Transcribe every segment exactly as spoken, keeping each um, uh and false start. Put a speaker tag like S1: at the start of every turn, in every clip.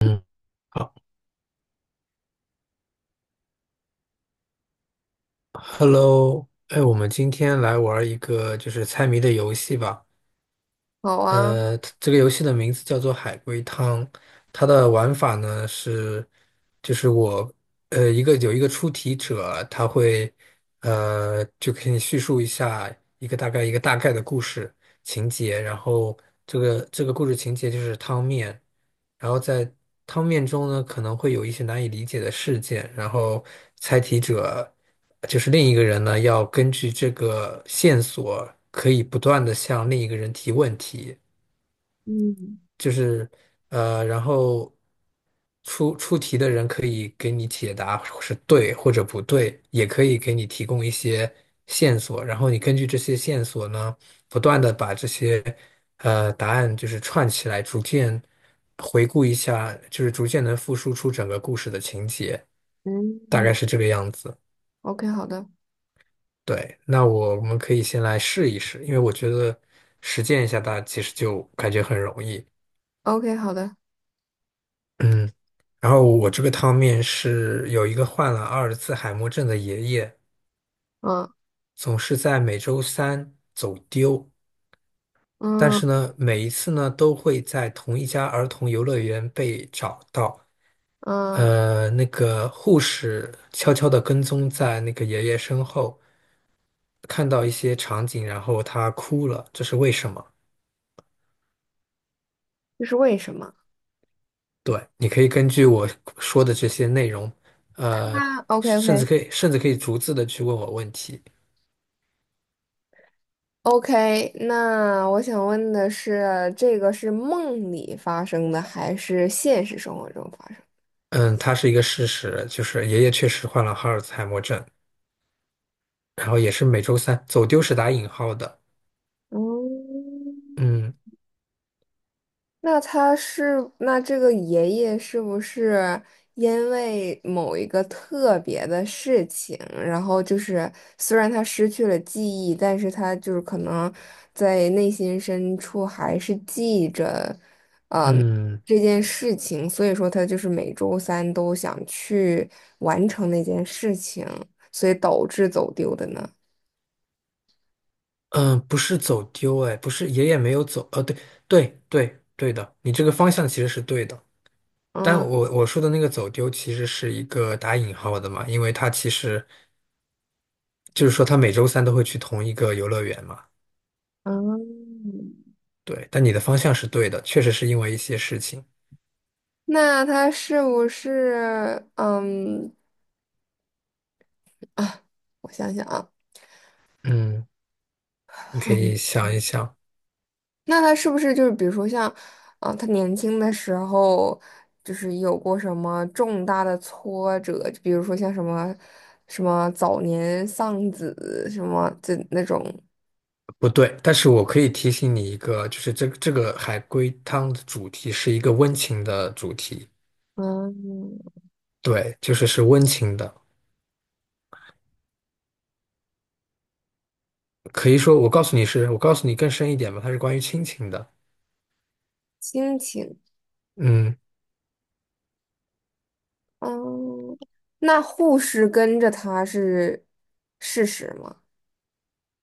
S1: 嗯，好，Hello，哎，我们今天来玩一个就是猜谜的游戏吧。
S2: 好啊。
S1: 呃，这个游戏的名字叫做《海龟汤》，它的玩法呢是，就是我呃一个有一个出题者，他会呃就给你叙述一下一个大概一个大概的故事情节，然后这个这个故事情节就是汤面，然后在汤面中呢可能会有一些难以理解的事件，然后猜题者就是另一个人呢要根据这个线索可以不断的向另一个人提问题。
S2: 嗯
S1: 就是呃，然后出出题的人可以给你解答是对或者不对，也可以给你提供一些线索，然后你根据这些线索呢，不断的把这些呃答案就是串起来，逐渐回顾一下，就是逐渐能复述出整个故事的情节，大概
S2: 嗯
S1: 是这个样子。
S2: ，OK，好的
S1: 对，那我我们可以先来试一试，因为我觉得实践一下大家其实就感觉很容易。
S2: ，OK，好的。
S1: 嗯，然后我这个汤面是有一个患了阿尔茨海默症的爷爷，
S2: 嗯
S1: 总是在每周三走丢，但是
S2: 嗯
S1: 呢，每一次呢都会在同一家儿童游乐园被找到。
S2: 嗯。
S1: 呃，那个护士悄悄地跟踪在那个爷爷身后，看到一些场景，然后他哭了，这是为什么？
S2: 这是为什么？
S1: 对，你可以根据我说的这些内容，呃，
S2: 那 OK
S1: 甚至
S2: OK
S1: 可以甚至可以逐字的去问我问题。
S2: OK。那我想问的是，这个是梦里发生的还是现实生活中发生的？
S1: 嗯，它是一个事实，就是爷爷确实患了哈尔茨海默症，然后也是每周三，走丢是打引号的。
S2: 嗯。
S1: 嗯
S2: 那他是，那这个爷爷是不是因为某一个特别的事情，然后就是虽然他失去了记忆，但是他就是可能在内心深处还是记着，嗯，
S1: 嗯
S2: 这件事情，所以说他就是每周三都想去完成那件事情，所以导致走丢的呢。
S1: 嗯，不是走丢，哎，不是爷爷没有走，呃，对对对对的，你这个方向其实是对的，但
S2: 嗯
S1: 我我说的那个走丢其实是一个打引号的嘛，因为他其实就是说他每周三都会去同一个游乐园嘛，
S2: 嗯。
S1: 对，但你的方向是对的，确实是因为一些事情，
S2: 那他是不是嗯？啊，我想想啊。
S1: 嗯，你可以
S2: 嗯。
S1: 想一想。
S2: 那他是不是就是比如说像，啊、他年轻的时候就是有过什么重大的挫折，就比如说像什么什么早年丧子什么的那种。
S1: 不对，但是我可以提醒你一个，就是这这个海龟汤的主题是一个温情的主题，
S2: 嗯，
S1: 对，就是是温情的，可以说我告诉你是，我告诉你更深一点吧，它是关于亲情的，
S2: 心情。
S1: 嗯，
S2: 嗯，那护士跟着他是事实吗？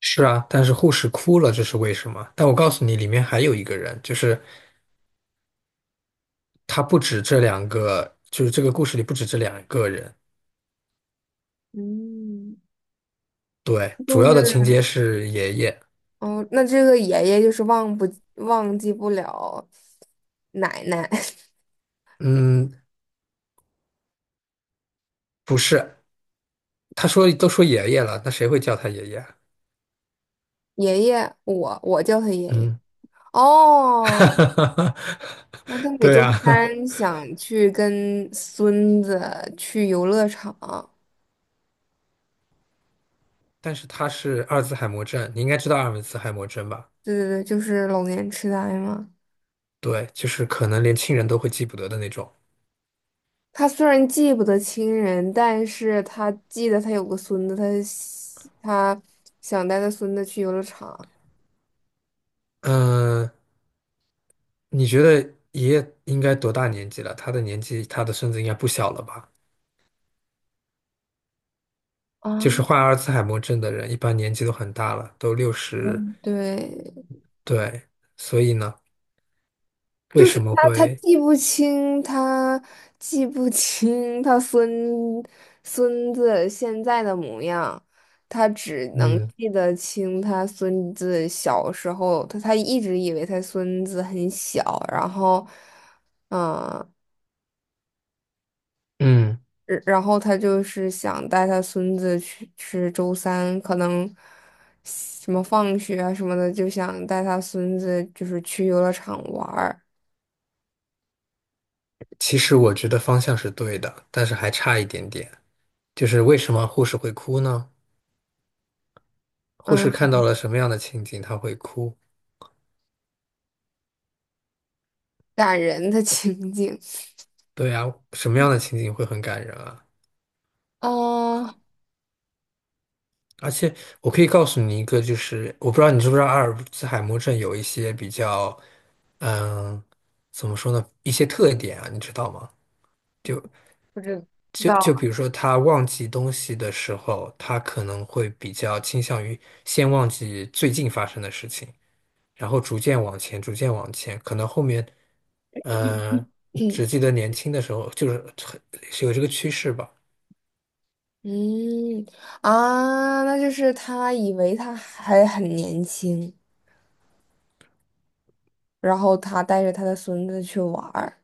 S1: 是啊，但是护士哭了，这是为什么？但我告诉你，里面还有一个人，就是他不止这两个，就是这个故事里不止这两个人，
S2: 嗯，
S1: 对，主
S2: 就
S1: 要的情
S2: 是，
S1: 节是爷爷，
S2: 哦，那这个爷爷就是忘不忘记不了奶奶。
S1: 嗯，不是，他说都说爷爷了，那谁会叫他爷爷啊。
S2: 爷爷，我我叫他爷爷。
S1: 嗯。哈
S2: 哦，
S1: 哈哈哈
S2: 那他每
S1: 对
S2: 周
S1: 呀、啊
S2: 三想去跟孙子去游乐场。
S1: 但是他是阿尔兹海默症，你应该知道阿尔兹海默症吧？
S2: 对对对，就是老年痴呆嘛。
S1: 对，就是可能连亲人都会记不得的那种。
S2: 他虽然记不得亲人，但是他记得他有个孙子，他喜他想带他孙子去游乐场
S1: 嗯，你觉得爷爷应该多大年纪了？他的年纪，他的孙子应该不小了吧？就是
S2: 啊。
S1: 患阿尔兹海默症的人，一般年纪都很大了，都六十。
S2: 对，
S1: 对，所以呢，为
S2: 就是
S1: 什么
S2: 他，他
S1: 会？
S2: 记不清，他记不清他孙孙子现在的模样，他只能
S1: 嗯
S2: 记得清他孙子小时候，他他一直以为他孙子很小，然后，嗯、
S1: 嗯，
S2: 然然后他就是想带他孙子去吃周三，可能什么放学啊什么的，就想带他孙子就是去游乐场玩儿。
S1: 其实我觉得方向是对的，但是还差一点点。就是为什么护士会哭呢？护士
S2: 嗯，
S1: 看到了什么样的情景，她会哭。
S2: 感人的 情景。
S1: 对啊，什么样的情景会很感人啊？
S2: 哦，
S1: 而且我可以告诉你一个，就是我不知道你知不知道阿尔兹海默症有一些比较，嗯，怎么说呢？一些特点啊，你知道吗？就
S2: 知
S1: 就就
S2: 道。
S1: 比如说，他忘记东西的时候，他可能会比较倾向于先忘记最近发生的事情。然后逐渐往前，逐渐往前，可能后面，嗯，只记 得年轻的时候，就是很是有这个趋势吧。
S2: 嗯啊，那就是他以为他还很年轻，然后他带着他的孙子去玩儿，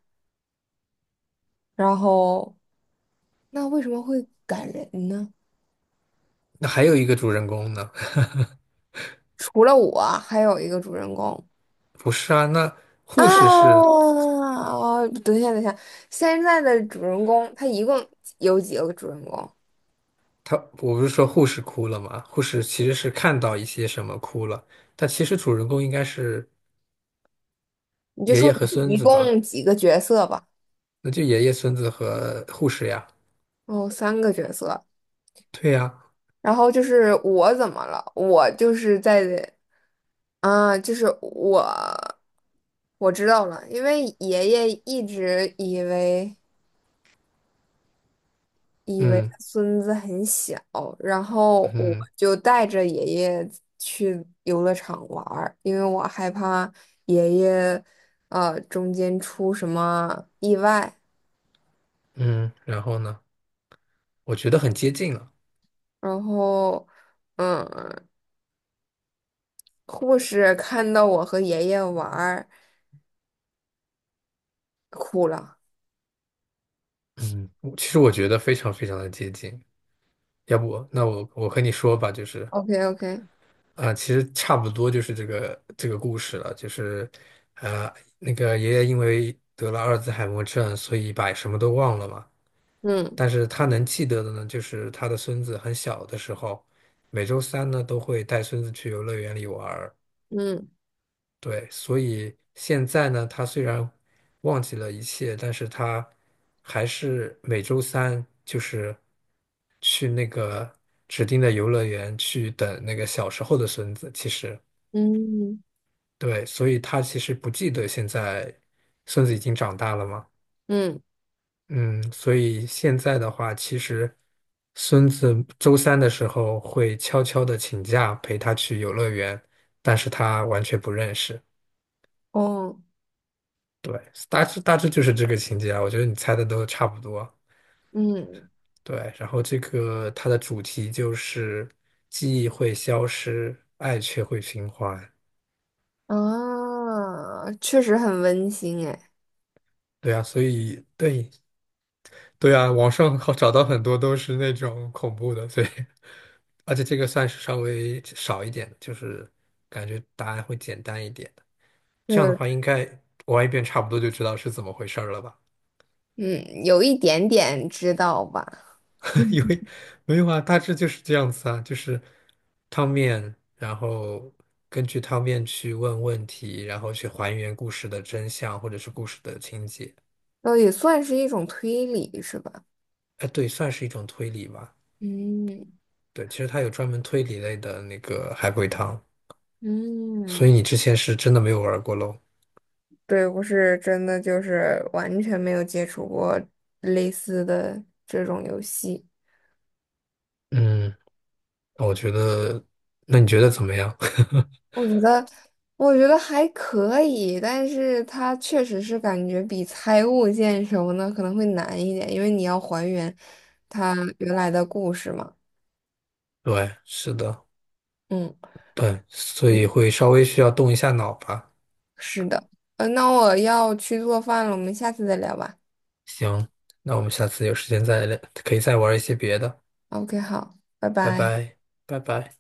S2: 然后那为什么会感人呢？
S1: 那还有一个主人公呢，
S2: 除了我，还有一个主人公
S1: 不是啊？那护士是
S2: 啊。哦，等一下，等一下。现在的主人公他一共有几个主人公？
S1: 他，我不是说护士哭了吗？护士其实是看到一些什么哭了，但其实主人公应该是
S2: 你就
S1: 爷
S2: 说
S1: 爷和孙
S2: 一
S1: 子
S2: 共
S1: 吧？
S2: 几个角色吧。
S1: 那就爷爷、孙子和护士呀。
S2: 哦，三个角色。
S1: 对呀，
S2: 然后就是我怎么了？我就是在，啊，就是我。我知道了，因为爷爷一直以为以为他
S1: 嗯
S2: 孙子很小，然后我
S1: 嗯
S2: 就带着爷爷去游乐场玩儿，因为我害怕爷爷，呃，中间出什么意外。
S1: 嗯，然后呢？我觉得很接近了。
S2: 然后，嗯，护士看到我和爷爷玩儿，哭了。
S1: 嗯，我其实我觉得非常非常的接近。要不，那我我和你说吧，就是
S2: o k o k。
S1: 啊、其实差不多就是这个这个故事了，就是呃，那个爷爷因为得了阿尔兹海默症，所以把什么都忘了嘛。
S2: 嗯
S1: 但是他能记得的呢，就是他的孙子很小的时候，每周三呢都会带孙子去游乐园里玩儿，
S2: 嗯
S1: 对，所以现在呢，他虽然忘记了一切，但是他还是每周三就是去那个指定的游乐园去等那个小时候的孙子。其实，
S2: 嗯
S1: 对，所以他其实不记得现在孙子已经长大了嘛。
S2: 嗯。
S1: 嗯，所以现在的话，其实孙子周三的时候会悄悄的请假陪他去游乐园，但是他完全不认识。
S2: 哦，
S1: 对，大致大致就是这个情节啊，我觉得你猜的都差不多。
S2: 嗯
S1: 对，然后这个它的主题就是记忆会消失，爱却会循环。
S2: 啊，确实很温馨哎。
S1: 对啊，所以对对啊，网上好找到很多都是那种恐怖的，所以 而且这个算是稍微少一点的就是感觉答案会简单一点的
S2: 就
S1: 这样的
S2: 是
S1: 话，应该玩一遍差不多就知道是怎么回事儿了吧？
S2: 嗯，有一点点知道吧。
S1: 因为没有啊，大致就是这样子啊，就是汤面，然后根据汤面去问问题，然后去还原故事的真相或者是故事的情节。
S2: 倒也算是一种推理是吧？
S1: 哎，对，算是一种推理吧。
S2: 嗯
S1: 对，其实它有专门推理类的那个海龟汤，所以
S2: 嗯。
S1: 你之前是真的没有玩过喽。
S2: 对，我是真的就是完全没有接触过类似的这种游戏。
S1: 嗯，那我觉得，那你觉得怎么样？
S2: 我觉得，我觉得还可以，但是它确实是感觉比猜物件什么的可能会难一点，因为你要还原它原来的故事嘛。
S1: 对，是的，
S2: 嗯
S1: 对，所
S2: 嗯，
S1: 以会稍微需要动一下脑吧。
S2: 是的。呃，那我要去做饭了，我们下次再聊吧。
S1: 行，那我们下次有时间再聊，可以再玩一些别的。
S2: OK，好，拜
S1: 拜
S2: 拜。
S1: 拜，拜拜。